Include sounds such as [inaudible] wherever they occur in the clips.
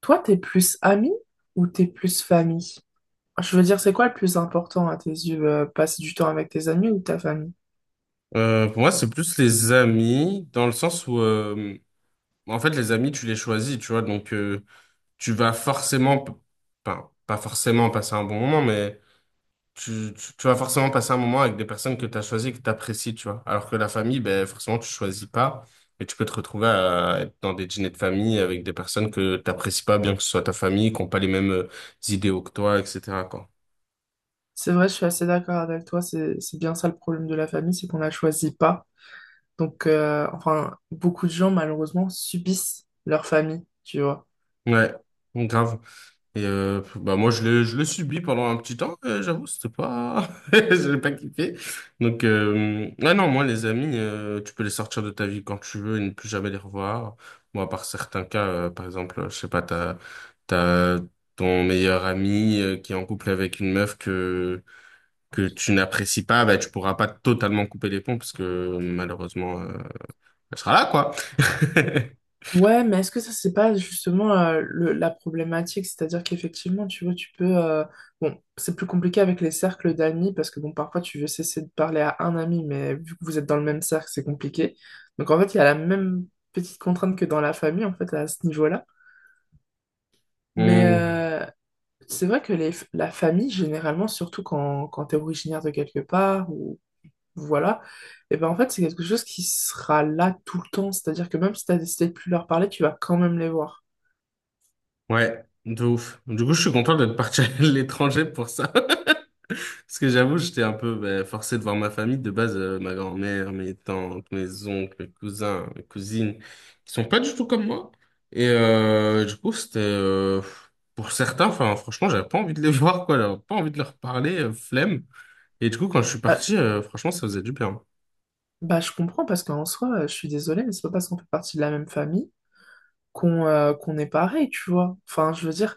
Toi, t'es plus ami ou t'es plus famille? Je veux dire, c'est quoi le plus important à tes yeux, passer du temps avec tes amis ou ta famille? Pour moi, c'est plus les amis, dans le sens où, en fait, les amis, tu les choisis, tu vois, donc tu vas forcément, enfin, pas forcément passer un bon moment, mais tu vas forcément passer un moment avec des personnes que tu as choisies, que tu apprécies, tu vois. Alors que la famille, ben, forcément, tu choisis pas, et tu peux te retrouver à être dans des dîners de famille avec des personnes que tu n'apprécies pas, bien que ce soit ta famille, qui n'ont pas les mêmes idéaux que toi, etc., quoi. C'est vrai, je suis assez d'accord avec toi, c'est bien ça le problème de la famille, c'est qu'on la choisit pas. Donc, beaucoup de gens, malheureusement, subissent leur famille, tu vois. Ouais, grave. Et bah moi je l'ai subi pendant un petit temps, j'avoue, c'était pas [laughs] j'ai pas kiffé. Donc ah non, moi les amis, tu peux les sortir de ta vie quand tu veux et ne plus jamais les revoir. Moi, par certains cas, par exemple, je sais pas, t'as ton meilleur ami qui est en couple avec une meuf que tu n'apprécies pas, bah tu pourras pas totalement couper les ponts parce que malheureusement elle sera là quoi. [laughs] Ouais, mais est-ce que ça, c'est pas justement la problématique? C'est-à-dire qu'effectivement, tu vois, bon, c'est plus compliqué avec les cercles d'amis parce que, bon, parfois, tu veux cesser de parler à un ami, mais vu que vous êtes dans le même cercle, c'est compliqué. Donc, en fait, il y a la même petite contrainte que dans la famille, en fait, à ce niveau-là. Mais Hmm. C'est vrai que la famille, généralement, surtout quand tu es originaire de quelque part, ou voilà, et ben en fait, c'est quelque chose qui sera là tout le temps. C'est-à-dire que même si tu as décidé de plus leur parler, tu vas quand même les voir. Ouais, de ouf. Du coup, je suis content d'être parti [laughs] à l'étranger pour ça. Parce que j'avoue, j'étais un peu ben, forcé de voir ma famille. De base, ma grand-mère, mes tantes, mes oncles, mes cousins, mes cousines, qui sont pas du tout comme moi. Et du coup, pour certains, enfin, franchement, j'avais pas envie de les [laughs] voir, quoi. J'avais pas envie de leur parler, flemme. Et du coup, quand je suis Bah, parti, franchement, ça faisait du bien. Bah, je comprends parce qu'en soi, je suis désolée, mais c'est pas parce qu'on fait partie de la même famille qu'on est pareil, tu vois. Enfin, je veux dire,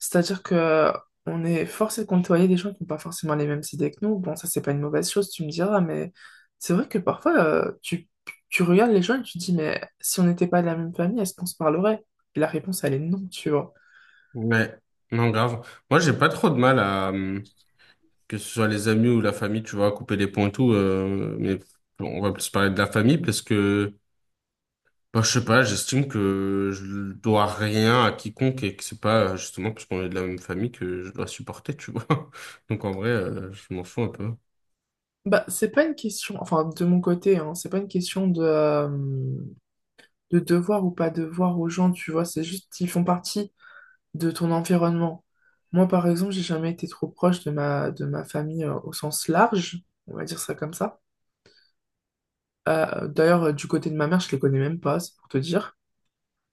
c'est-à-dire que on est forcé de côtoyer des gens qui n'ont pas forcément les mêmes idées que nous. Bon, ça, c'est pas une mauvaise chose, tu me diras, mais c'est vrai que parfois, tu regardes les gens et tu te dis, mais si on n'était pas de la même famille, est-ce qu'on se parlerait? Et la réponse, elle est non, tu vois. Ouais, non, grave. Moi, j'ai pas trop de mal à que ce soit les amis ou la famille, tu vois, couper les ponts et tout. Mais bon, on va plus parler de la famille parce que... Bah, je sais pas, j'estime que je dois rien à quiconque et que c'est pas justement parce qu'on est de la même famille que je dois supporter, tu vois. [laughs] Donc en vrai, je m'en fous un peu. Bah, c'est pas une question, enfin, de mon côté, hein, c'est pas une question de devoir ou pas devoir aux gens, tu vois, c'est juste qu'ils font partie de ton environnement. Moi, par exemple, j'ai jamais été trop proche de de ma famille au sens large, on va dire ça comme ça. Du côté de ma mère, je les connais même pas, c'est pour te dire.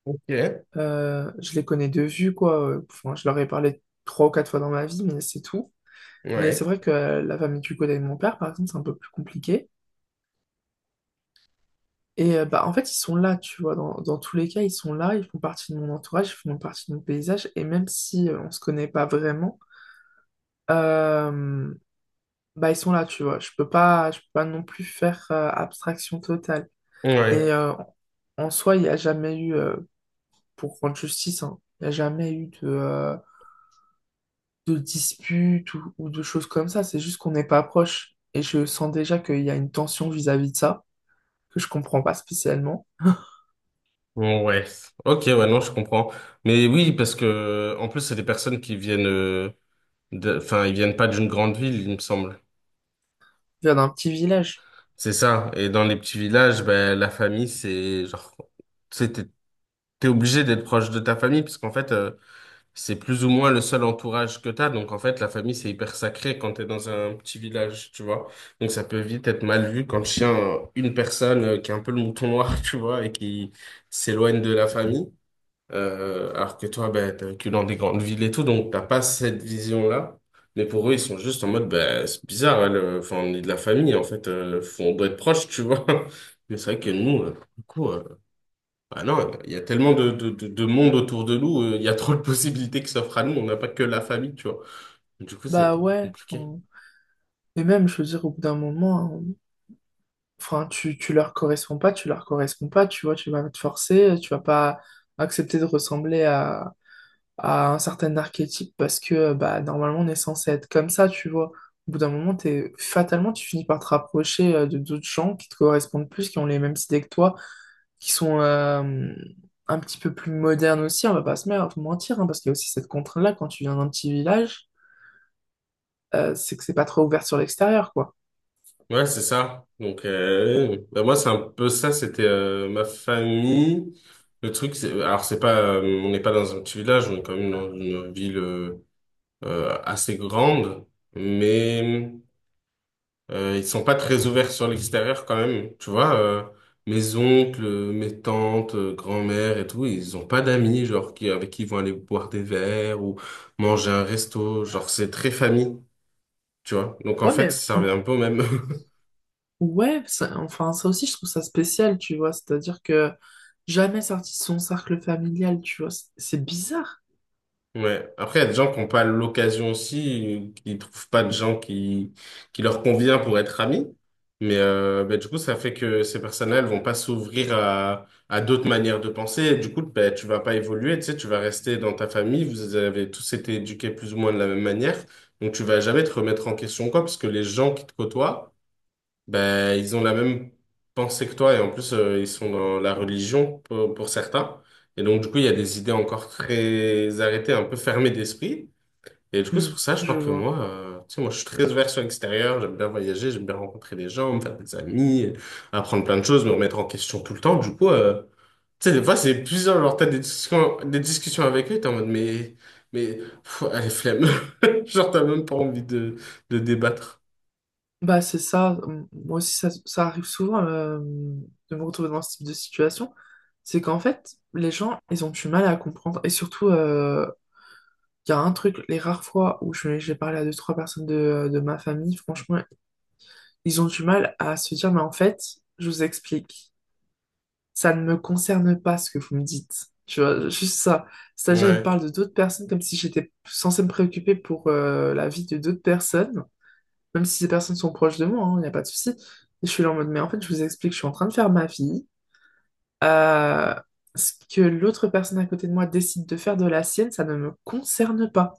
Ok, ouais. Je les connais de vue, quoi. Je leur ai parlé trois ou quatre fois dans ma vie, mais c'est tout. Mais c'est Ouais. vrai que la famille du côté de mon père, par exemple, c'est un peu plus compliqué. Et bah, en fait, ils sont là, tu vois. Dans tous les cas, ils sont là, ils font partie de mon entourage, ils font partie de mon paysage. Et même si on se connaît pas vraiment, euh, bah, ils sont là, tu vois. Je peux pas non plus faire abstraction totale. Et en soi, il n'y a jamais eu, pour rendre justice, hein, il n'y a jamais eu de dispute ou de choses comme ça. C'est juste qu'on n'est pas proche. Et je sens déjà qu'il y a une tension vis-à-vis de ça, que je comprends pas spécialement. Ouais. Ok, ouais, non, je comprends. Mais oui, parce que en plus, c'est des personnes qui viennent enfin, ils viennent pas d'une grande ville, il me semble. Je viens d'un petit village. C'est ça. Et dans les petits villages, ben la famille, c'est genre, c'est- t'es t'es obligé d'être proche de ta famille parce qu'en fait, c'est plus ou moins le seul entourage que t'as. Donc, en fait, la famille, c'est hyper sacré quand t'es dans un petit village, tu vois. Donc, ça peut vite être mal vu quand une personne qui est un peu le mouton noir, [laughs] tu vois, et qui s'éloigne de la famille. Alors que toi, ben, t'es que dans des grandes villes et tout, donc t'as pas cette vision-là. Mais pour eux, ils sont juste en mode, ben, c'est bizarre, enfin, on est de la famille, en fait, on doit être proche, tu vois. [laughs] Mais c'est vrai que nous, pour le coup, bah non, il y a tellement de monde autour de nous, il y a trop de possibilités qui s'offrent à nous, on n'a pas que la famille, tu vois. Du coup, c'est Bah plus ouais. compliqué. Enfin, et même, je veux dire, au bout d'un moment, hein, enfin, tu leur corresponds pas, tu vois, tu vas te forcer, tu vas pas accepter de ressembler à un certain archétype parce que bah, normalement on est censé être comme ça, tu vois. Au bout d'un moment, t'es, fatalement, tu finis par te rapprocher de d'autres gens qui te correspondent plus, qui ont les mêmes idées que toi, qui sont un petit peu plus modernes aussi, on va pas se mentir, hein, parce qu'il y a aussi cette contrainte-là quand tu viens d'un petit village, c'est que c'est pas trop ouvert sur l'extérieur, quoi. Ouais, c'est ça. Donc, bah, moi, c'est un peu ça, c'était ma famille. Le truc, c'est, alors, c'est pas, on n'est pas dans un petit village, on est quand même dans une ville assez grande, mais. Ils sont pas très ouverts sur l'extérieur quand même, tu vois. Mes oncles, mes tantes, grand-mère et tout, ils ont pas d'amis, genre, avec qui ils vont aller boire des verres ou manger un resto. Genre, c'est très famille, tu vois. Donc, en Ouais, fait, mais ça mm, revient un peu au même. [laughs] ouais, enfin ça aussi je trouve ça spécial, tu vois, c'est-à-dire que jamais sorti de son cercle familial, tu vois, c'est bizarre. Ouais. Après, il y a des gens qui n'ont pas l'occasion aussi, qui ne trouvent pas de gens qui leur convient pour être amis. Mais ben, du coup, ça fait que ces personnes-là, elles vont pas s'ouvrir à d'autres manières de penser. Et du coup, ben, tu vas pas évoluer, tu sais, tu vas rester dans ta famille. Vous avez tous été éduqués plus ou moins de la même manière. Donc, tu vas jamais te remettre en question, quoi, parce que les gens qui te côtoient, ben, ils ont la même pensée que toi et en plus ils sont dans la religion pour certains. Et donc du coup il y a des idées encore très arrêtées, un peu fermées d'esprit. Et du coup c'est Hmm, pour ça je crois je que vois. moi, tu sais moi je suis très ouvert sur l'extérieur, j'aime bien voyager, j'aime bien rencontrer des gens, me faire des amis, apprendre plein de choses, me remettre en question tout le temps. Du coup tu sais des fois c'est plusieurs genre t'as des discussions avec eux, t'es en mode mais allez flemme, [laughs] genre t'as même pas envie de débattre. Bah, c'est ça. Moi aussi, ça arrive souvent de me retrouver dans ce type de situation. C'est qu'en fait, les gens, ils ont du mal à comprendre. Et surtout, il y a un truc, les rares fois où j'ai parlé à deux, trois personnes de ma famille, franchement, ils ont du mal à se dire, mais en fait, je vous explique, ça ne me concerne pas ce que vous me dites. Tu vois, juste ça. C'est-à-dire, ils me Ouais. parlent de d'autres personnes comme si j'étais censée me préoccuper pour la vie de d'autres personnes même si ces personnes sont proches de moi, il n'y a pas de souci. Et je suis là en mode, mais en fait, je vous explique, je suis en train de faire ma vie. Euh, Ce que l'autre personne à côté de moi décide de faire de la sienne, ça ne me concerne pas.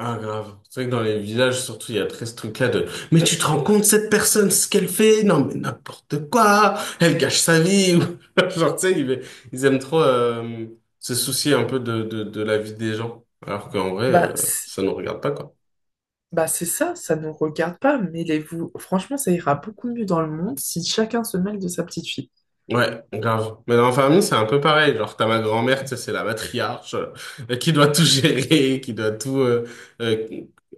Ah, grave. C'est vrai que dans les villages, surtout, il y a très ce truc-là de, mais tu te rends compte, cette personne, ce qu'elle fait? Non, mais n'importe quoi! Elle gâche sa vie! [laughs] Genre, tu sais, ils aiment trop, se soucier un peu de la vie des gens. Alors qu'en vrai, Bah, c'est- ça nous regarde pas, quoi. bah c'est ça, ça ne nous regarde pas, mêlez-vous. Franchement, ça ira beaucoup mieux dans le monde si chacun se mêle de sa petite fille. Ouais, grave. Mais dans la famille, c'est un peu pareil. Genre, t'as ma grand-mère, tu sais, c'est la matriarche, qui doit tout gérer, [laughs] qui doit tout, euh,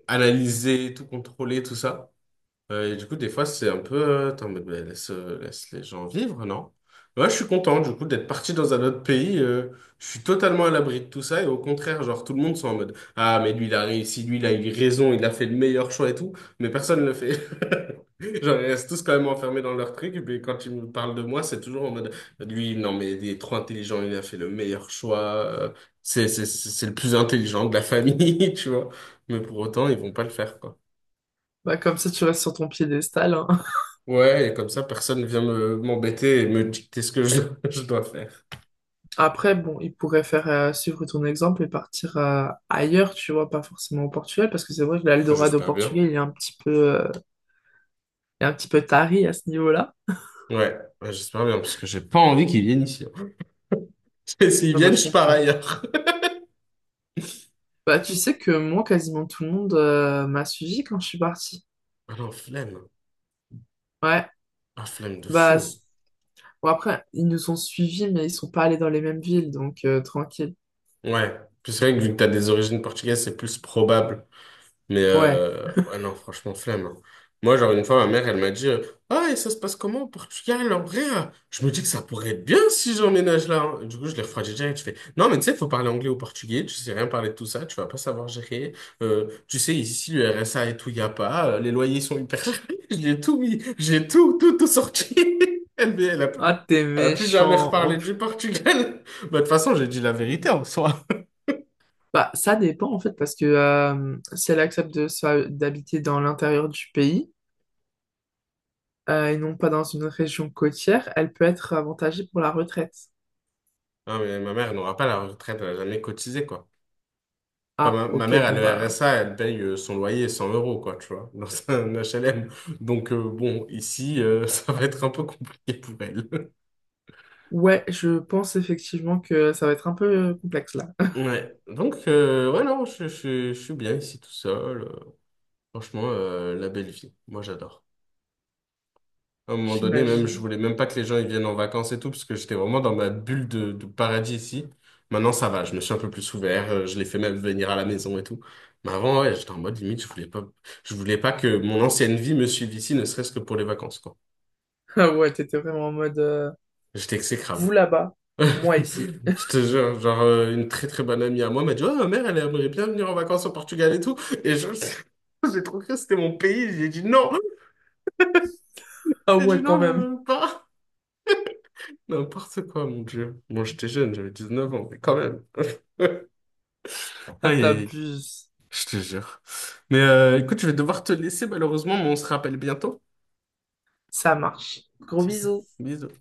analyser, tout contrôler, tout ça. Et du coup, des fois, c'est un peu... Attends, mais laisse, laisse les gens vivre, non? Moi, je suis content, du coup, d'être parti dans un autre pays. Je suis totalement à l'abri de tout ça. Et au contraire, genre, tout le monde sont en mode, «Ah, mais lui, il a réussi, lui, il a eu raison, il a fait le meilleur choix et tout. Mais personne ne le fait. [laughs] Genre, ils restent tous quand même enfermés dans leur truc. Et puis, quand ils me parlent de moi, c'est toujours en mode, lui, non, mais il est trop intelligent, il a fait le meilleur choix. C'est le plus intelligent de la famille, [laughs] tu vois. Mais pour autant, ils vont pas le faire, quoi. Bah, comme ça, tu restes sur ton piédestal, hein. [laughs] Ouais, et comme ça, personne ne vient me m'embêter et me dicter ce que je, [laughs] je dois faire. Après, bon, il pourrait faire suivre ton exemple et partir ailleurs, tu vois, pas forcément au Portugal, parce que c'est vrai que l'Eldorado au J'espère bien. Portugal, il est un petit peu euh, est un petit peu taré à ce niveau-là. Ouais, ouais, j'espère bien, parce que j'ai pas envie qu'ils viennent ici. [laughs] Et s'ils Ah bah, viennent, je je pars comprends. ailleurs. Bah, tu sais que moi, quasiment tout le monde m'a suivi quand je suis partie. Ah non, flemme. Ouais, Ah, flemme de bah, fou. c- bon, après, ils nous ont suivis, mais ils sont pas allés dans les mêmes villes, donc tranquille. Ouais. Puis c'est vrai que vu que t'as des origines portugaises, c'est plus probable. Mais Ouais. Ouais, non, franchement, flemme, hein. Moi, genre, une fois, ma mère, elle m'a dit, Ah, et ça se passe comment au Portugal, en vrai? Je me dis que ça pourrait être bien si j'emménage là, hein. Du coup, je l'ai refroidi direct. Je fais, non, mais tu sais, il faut parler anglais ou portugais. Tu sais rien parler de tout ça. Tu vas pas savoir gérer. Tu sais, ici, le RSA et tout, il y a pas. Les loyers sont hyper chers. [laughs] J'ai tout mis. J'ai tout, tout, tout sorti. [laughs] Elle, mais Ah, t'es elle a plus jamais méchant. En reparlé du plus- Portugal. [laughs] Bah, de toute façon, j'ai dit la vérité en soi. Bah, ça dépend, en fait, parce que si elle accepte de d'habiter dans l'intérieur du pays, et non pas dans une région côtière, elle peut être avantagée pour la retraite. Ah, mais ma mère elle n'aura pas la retraite. Elle a jamais cotisé, quoi. Ah, Enfin, ma ok, mère, elle bon, a le bah. RSA, elle paye son loyer 100 euros, quoi, tu vois, dans un HLM. Donc, bon, ici, [laughs] ça va être un peu compliqué pour elle. [laughs] Ouais, je pense effectivement que ça va être un peu complexe là. Ouais, donc, ouais, non, je suis bien ici tout seul. Franchement, la belle vie. Moi, j'adore. À un moment donné, même, je J'imagine. [laughs] voulais même pas que les gens ils viennent en vacances et tout, parce que j'étais vraiment dans ma bulle de paradis ici. Maintenant, ça va, je me suis un peu plus ouvert, je les fais même venir à la maison et tout. Mais avant, ouais, j'étais en mode limite, je voulais pas que mon ancienne vie me suive ici, ne serait-ce que pour les vacances, quoi. Ah ouais, t'étais vraiment en mode J'étais exécrable. vous là-bas, [laughs] moi ici. Je te jure, genre, une très très bonne amie à moi m'a dit, oh, ma mère, elle aimerait bien venir en vacances au Portugal et tout. Et je, [laughs] j'ai trop cru que c'était mon pays, Ah j'ai dit ouais, quand non, je même. veux pas. N'importe quoi, mon Dieu. Moi, j'étais jeune, j'avais 19 ans, mais quand même. [laughs] Aïe, Ah, aïe, aïe, t'abuses. je te jure. Mais écoute, je vais devoir te laisser, malheureusement, mais on se rappelle bientôt. Ça marche. Gros bisous. Bisous.